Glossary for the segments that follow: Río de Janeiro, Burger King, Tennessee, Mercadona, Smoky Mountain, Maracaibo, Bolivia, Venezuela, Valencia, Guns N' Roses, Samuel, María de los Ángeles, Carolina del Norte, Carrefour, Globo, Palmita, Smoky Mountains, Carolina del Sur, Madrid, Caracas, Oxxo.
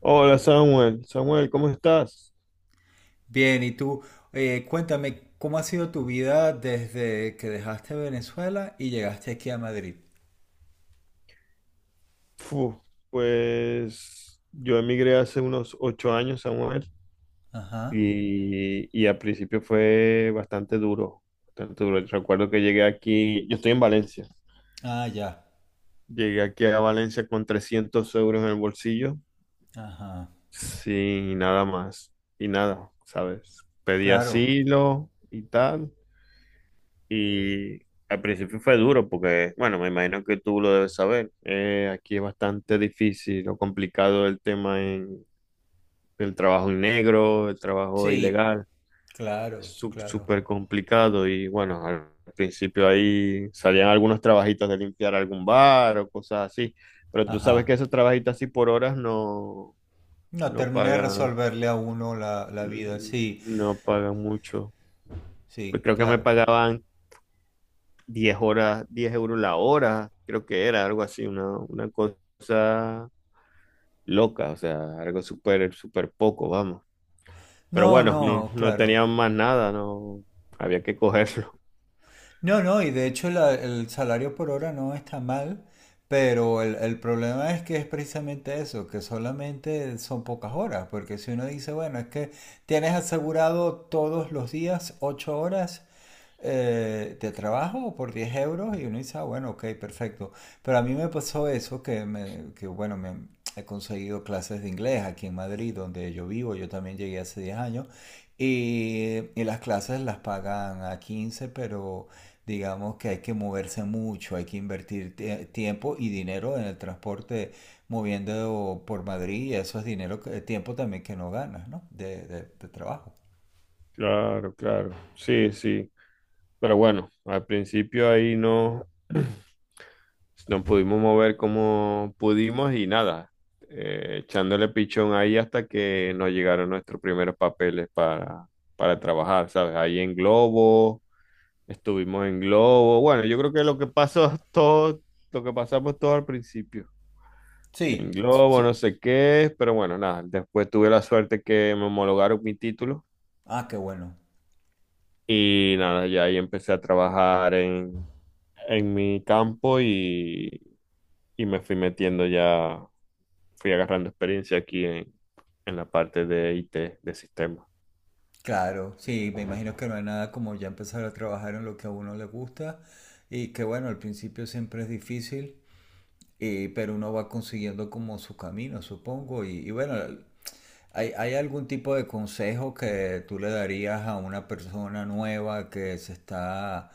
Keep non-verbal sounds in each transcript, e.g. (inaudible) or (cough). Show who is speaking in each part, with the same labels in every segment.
Speaker 1: Hola Samuel, Samuel, ¿cómo estás?
Speaker 2: Bien, y tú, cuéntame, ¿cómo ha sido tu vida desde que dejaste Venezuela y llegaste aquí a Madrid?
Speaker 1: Fu, pues yo emigré hace unos 8 años, Samuel,
Speaker 2: Ajá.
Speaker 1: y al principio fue bastante duro, bastante duro. Recuerdo que llegué aquí, yo estoy en Valencia,
Speaker 2: Ah, ya.
Speaker 1: llegué aquí a Valencia con 300 euros en el bolsillo,
Speaker 2: Ajá.
Speaker 1: sin nada más, y nada, ¿sabes? Pedí
Speaker 2: Claro.
Speaker 1: asilo y tal. Y al principio fue duro porque, bueno, me imagino que tú lo debes saber. Aquí es bastante difícil o complicado el tema del trabajo en negro, el trabajo
Speaker 2: Sí,
Speaker 1: ilegal. Es
Speaker 2: claro,
Speaker 1: sú-
Speaker 2: claro.
Speaker 1: súper complicado y bueno, al principio ahí salían algunos trabajitos de limpiar algún bar o cosas así. Pero tú sabes que
Speaker 2: Ajá.
Speaker 1: esos trabajitos así por horas no,
Speaker 2: No,
Speaker 1: no
Speaker 2: terminé de
Speaker 1: pagan,
Speaker 2: resolverle a uno la vida.
Speaker 1: mm,
Speaker 2: Sí,
Speaker 1: no pagan mucho. Pues
Speaker 2: sí,
Speaker 1: creo que me
Speaker 2: claro.
Speaker 1: pagaban 10 euros la hora, creo que era algo así, una cosa loca, o sea, algo súper, súper poco, vamos. Pero
Speaker 2: No,
Speaker 1: bueno, no,
Speaker 2: no,
Speaker 1: no
Speaker 2: claro.
Speaker 1: tenían más nada, no había que (laughs) cogerlo.
Speaker 2: No, no, y de hecho la- el salario por hora no está mal, pero el problema es que es precisamente eso, que solamente son pocas horas, porque si uno dice, bueno, es que tienes asegurado todos los días 8 horas de trabajo por 10 euros y uno dice, ah, bueno, ok, perfecto. Pero a mí me pasó eso, que, me, que bueno, me he conseguido clases de inglés aquí en Madrid, donde yo vivo, yo también llegué hace 10 años, y las clases las pagan a 15 pero digamos que hay que moverse mucho, hay que invertir tiempo y dinero en el transporte moviendo por Madrid y eso es dinero, que- tiempo también que no ganas, ¿no? De, de trabajo.
Speaker 1: Claro, claro, sí, sí. Pero bueno, al principio ahí no, (clears throat) nos pudimos mover como pudimos y nada, echándole pichón ahí hasta que nos llegaron nuestros primeros papeles para trabajar, ¿sabes? Ahí en globo estuvimos en globo. Bueno, yo creo que lo que pasó (laughs) todo, lo que pasamos todo al principio. En
Speaker 2: Sí,
Speaker 1: globo, no
Speaker 2: sí.
Speaker 1: sé qué, pero bueno, nada. Después tuve la suerte que me homologaron mi título
Speaker 2: Ah, qué bueno.
Speaker 1: y nada, ya ahí empecé a trabajar en mi campo y me fui metiendo ya, fui agarrando experiencia aquí en la parte de IT, de sistemas.
Speaker 2: Claro, sí, me imagino que no hay nada como ya empezar a trabajar en lo que a uno le gusta y que bueno, al principio siempre es difícil, y, pero uno va consiguiendo como su camino, supongo, y bueno, ¿hay, hay algún tipo de consejo que tú le darías a una persona nueva que se está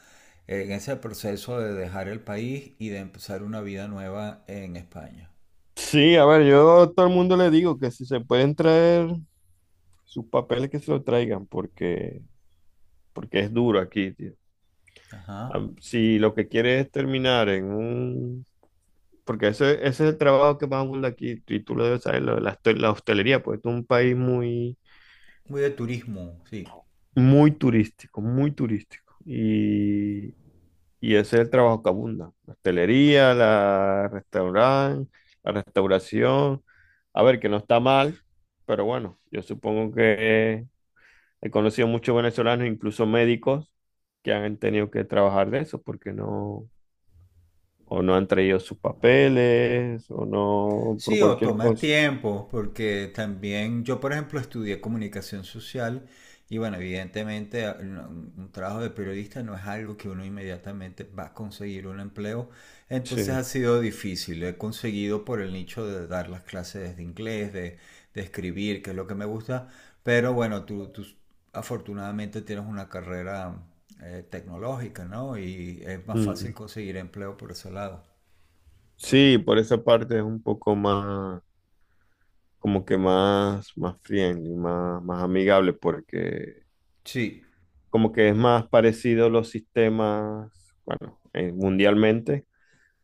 Speaker 2: en ese proceso de dejar el país y de empezar una vida nueva en España?
Speaker 1: Sí, a ver, yo a todo el mundo le digo que si se pueden traer sus papeles que se lo traigan, porque es duro aquí, tío.
Speaker 2: Ajá.
Speaker 1: Si lo que quieres es terminar en un... Porque ese es el trabajo que más abunda aquí, y tú lo debes saber, lo de la hostelería, porque esto es un país muy,
Speaker 2: Muy de turismo, sí.
Speaker 1: muy turístico, muy turístico. Y ese es el trabajo que abunda. La hostelería, la restaurante, la restauración. A ver, que no está mal, pero bueno, yo supongo que he conocido muchos venezolanos, incluso médicos, que han tenido que trabajar de eso, porque no o no han traído sus papeles, o no, por
Speaker 2: Sí, o
Speaker 1: cualquier
Speaker 2: toma
Speaker 1: cosa.
Speaker 2: tiempo, porque también yo, por ejemplo, estudié comunicación social y bueno, evidentemente un trabajo de periodista no es algo que uno inmediatamente va a conseguir un empleo, entonces
Speaker 1: Sí.
Speaker 2: ha sido difícil. He conseguido por el nicho de dar las clases de inglés, de escribir, que es lo que me gusta, pero bueno, tú afortunadamente tienes una carrera tecnológica, ¿no? Y es más fácil
Speaker 1: Mm.
Speaker 2: conseguir empleo por ese lado.
Speaker 1: Sí, por esa parte es un poco más, como que más, más friendly, más, más amigable, porque
Speaker 2: Sí,
Speaker 1: como que es más parecido los sistemas, bueno, mundialmente.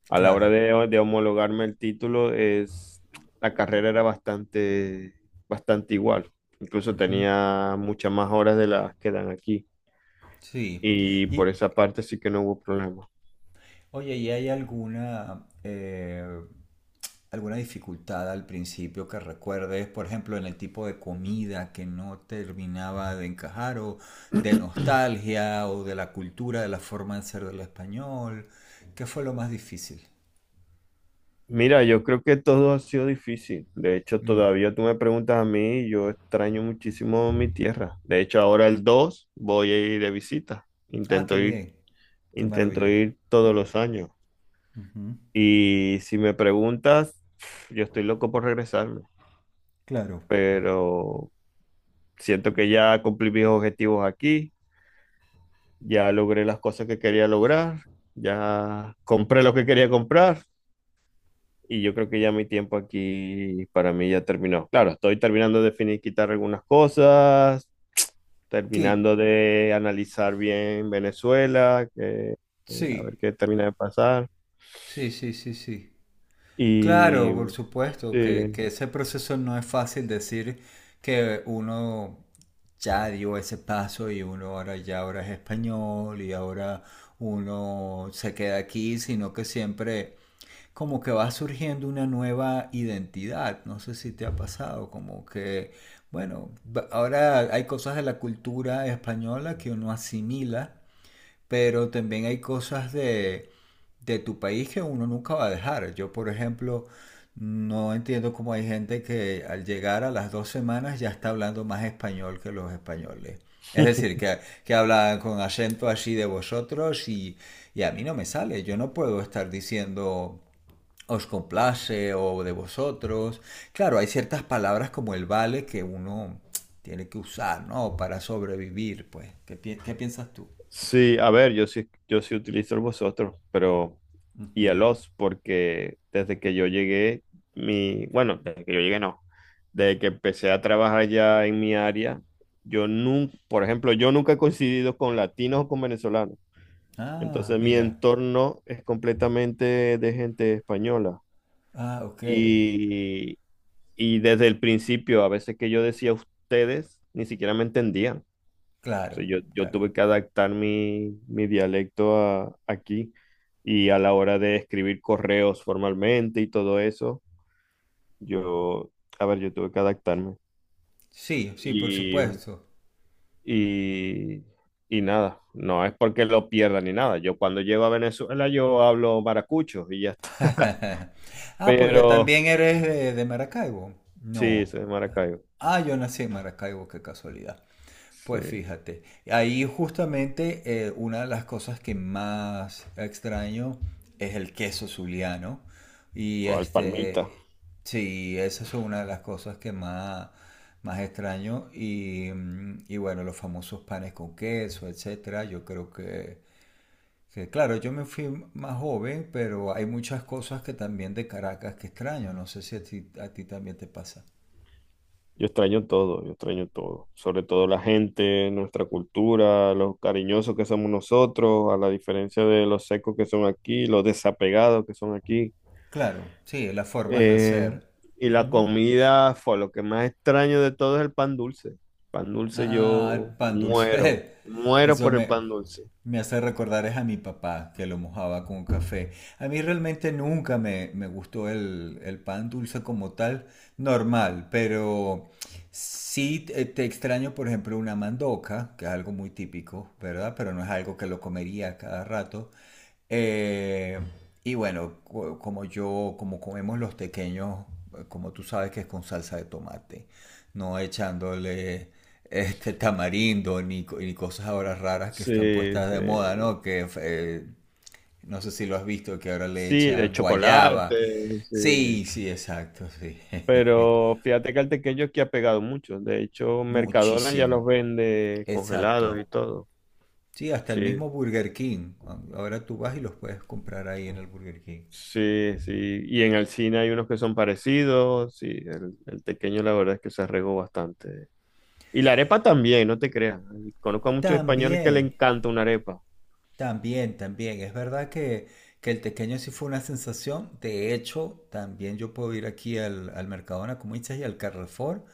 Speaker 1: A la hora
Speaker 2: claro.
Speaker 1: de homologarme el título, es, la carrera era bastante, bastante igual. Incluso tenía muchas más horas de las que dan aquí.
Speaker 2: Sí.
Speaker 1: Y por
Speaker 2: Y,
Speaker 1: esa parte sí que no hubo problema.
Speaker 2: oye, ¿y hay alguna, alguna dificultad al principio que recuerdes, por ejemplo, en el tipo de comida que no terminaba de encajar, o de nostalgia, o de la cultura, de la forma de ser del español? ¿Qué fue lo más difícil?
Speaker 1: Mira, yo creo que todo ha sido difícil. De hecho,
Speaker 2: Mm.
Speaker 1: todavía tú me preguntas a mí y yo extraño muchísimo mi tierra. De hecho, ahora el 2 voy a ir de visita.
Speaker 2: Ah, qué
Speaker 1: Intento ir,
Speaker 2: bien. Qué
Speaker 1: intento
Speaker 2: maravilla.
Speaker 1: ir todos los años.
Speaker 2: Ujú.
Speaker 1: Y si me preguntas, yo estoy loco por regresarme,
Speaker 2: Claro.
Speaker 1: pero siento que ya cumplí mis objetivos aquí, ya logré las cosas que quería lograr, ya compré lo que quería comprar. Y yo creo que ya mi tiempo aquí para mí ya terminó. Claro, estoy terminando de finiquitar algunas cosas,
Speaker 2: ¿Qué?
Speaker 1: terminando de analizar bien Venezuela, que, a
Speaker 2: Sí.
Speaker 1: ver qué termina de pasar.
Speaker 2: Sí, sí, sí, sí.
Speaker 1: Y
Speaker 2: Claro, por supuesto,
Speaker 1: sí.
Speaker 2: que ese proceso no es fácil decir que uno ya dio ese paso y uno ahora ya ahora es español y ahora uno se queda aquí, sino que siempre como que va surgiendo una nueva identidad. No sé si te ha pasado, como que, bueno, ahora hay cosas de la cultura española que uno asimila pero también hay cosas de tu país que uno nunca va a dejar. Yo, por ejemplo, no entiendo cómo hay gente que al llegar a las 2 semanas ya está hablando más español que los españoles. Es decir, que hablan con acento así de vosotros y a mí no me sale. Yo no puedo estar diciendo os complace o de vosotros. Claro, hay ciertas palabras como el vale que uno tiene que usar, ¿no? Para sobrevivir, pues. ¿Qué, qué piensas tú?
Speaker 1: Sí, a ver, yo sí utilizo el vosotros, pero y el os, porque desde que yo llegué, bueno, desde que yo llegué no, desde que empecé a trabajar ya en mi área, yo nunca, por ejemplo, yo nunca he coincidido con latinos o con venezolanos,
Speaker 2: Ah,
Speaker 1: entonces mi
Speaker 2: mira.
Speaker 1: entorno es completamente de gente española.
Speaker 2: Ah, ok.
Speaker 1: Y, y desde el principio, a veces que yo decía ustedes, ni siquiera me entendían. O
Speaker 2: Claro,
Speaker 1: sea, yo
Speaker 2: claro.
Speaker 1: tuve que adaptar mi dialecto aquí y a la hora de escribir correos formalmente y todo eso, yo, a ver, yo tuve que adaptarme.
Speaker 2: Sí, sí, por
Speaker 1: Y,
Speaker 2: supuesto.
Speaker 1: y, y nada, no es porque lo pierda ni nada. Yo cuando llego a Venezuela yo hablo maracucho y ya está.
Speaker 2: (laughs)
Speaker 1: (laughs)
Speaker 2: Ah, porque
Speaker 1: Pero
Speaker 2: también eres de Maracaibo.
Speaker 1: sí,
Speaker 2: No.
Speaker 1: soy de Maracaibo.
Speaker 2: Ah, yo nací en Maracaibo, qué casualidad.
Speaker 1: Sí,
Speaker 2: Pues fíjate, ahí justamente una de las cosas que más extraño es el queso zuliano. Y
Speaker 1: fue al
Speaker 2: este,
Speaker 1: Palmita.
Speaker 2: sí, esa es una de las cosas que más, más extraño. Y, mm, y bueno, los famosos panes con queso, etcétera. Yo creo que, claro, yo me fui más joven, pero hay muchas cosas que también de Caracas que extraño. No sé si a ti, a ti también te pasa.
Speaker 1: Yo extraño todo, sobre todo la gente, nuestra cultura, los cariñosos que somos nosotros, a la diferencia de los secos que son aquí, los desapegados que son aquí.
Speaker 2: Claro, sí, las formas de
Speaker 1: Eh,
Speaker 2: ser.
Speaker 1: y la comida fue lo que más extraño de todo es el pan dulce. Pan dulce
Speaker 2: Ah, el
Speaker 1: yo
Speaker 2: pan
Speaker 1: muero,
Speaker 2: dulce. (laughs)
Speaker 1: muero
Speaker 2: Eso
Speaker 1: por el
Speaker 2: me,
Speaker 1: pan dulce.
Speaker 2: me hace recordar es a mi papá que lo mojaba con café. A mí realmente nunca me, me gustó el pan dulce como tal, normal, pero sí te extraño, por ejemplo, una mandoca, que es algo muy típico, ¿verdad? Pero no es algo que lo comería cada rato. Eh, y bueno, como yo, como comemos los pequeños, como tú sabes que es con salsa de tomate, no echándole este tamarindo ni cosas ahora raras que están
Speaker 1: Sí,
Speaker 2: puestas
Speaker 1: sí,
Speaker 2: de moda, ¿no? Que no sé si lo has visto, que ahora le
Speaker 1: sí, de
Speaker 2: echan guayaba.
Speaker 1: chocolate, sí.
Speaker 2: Sí, sí, exacto, sí. (laughs)
Speaker 1: Pero fíjate que el tequeño aquí ha pegado mucho. De hecho, Mercadona ya
Speaker 2: Muchísimo,
Speaker 1: los vende congelados
Speaker 2: exacto.
Speaker 1: y todo.
Speaker 2: Sí, hasta el
Speaker 1: Sí,
Speaker 2: mismo Burger King. Ahora tú vas y los puedes comprar ahí en el Burger King.
Speaker 1: sí, sí. Y en el cine hay unos que son parecidos. Sí, el tequeño la verdad es que se arregó bastante. Y la arepa también, no te creas. Conozco a muchos españoles que le
Speaker 2: También,
Speaker 1: encanta una arepa.
Speaker 2: también, también. Es verdad que el tequeño sí fue una sensación. De hecho, también yo puedo ir aquí al, al Mercadona, como dices, y al Carrefour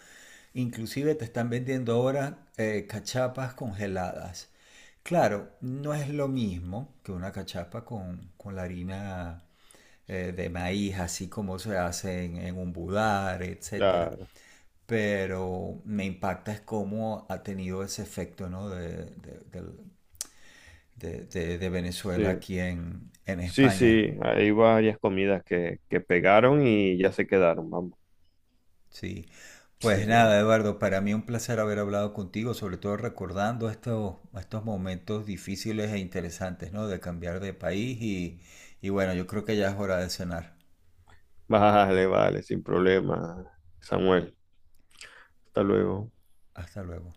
Speaker 2: inclusive te están vendiendo ahora cachapas congeladas. Claro, no es lo mismo que una cachapa con la harina de maíz, así como se hace en un budar, etcétera.
Speaker 1: Claro.
Speaker 2: Pero me impacta es cómo ha tenido ese efecto, ¿no? De, de Venezuela
Speaker 1: Sí,
Speaker 2: aquí en
Speaker 1: sí,
Speaker 2: España.
Speaker 1: sí. Hay varias comidas que pegaron y ya se quedaron, vamos.
Speaker 2: Sí,
Speaker 1: Sí.
Speaker 2: pues
Speaker 1: (laughs)
Speaker 2: nada, Eduardo, para mí un placer haber hablado contigo, sobre todo recordando estos, estos momentos difíciles e interesantes, ¿no? De cambiar de país y bueno, yo creo que ya es hora de cenar.
Speaker 1: Vale, vale, sin problema, Samuel. Hasta luego.
Speaker 2: Hasta luego.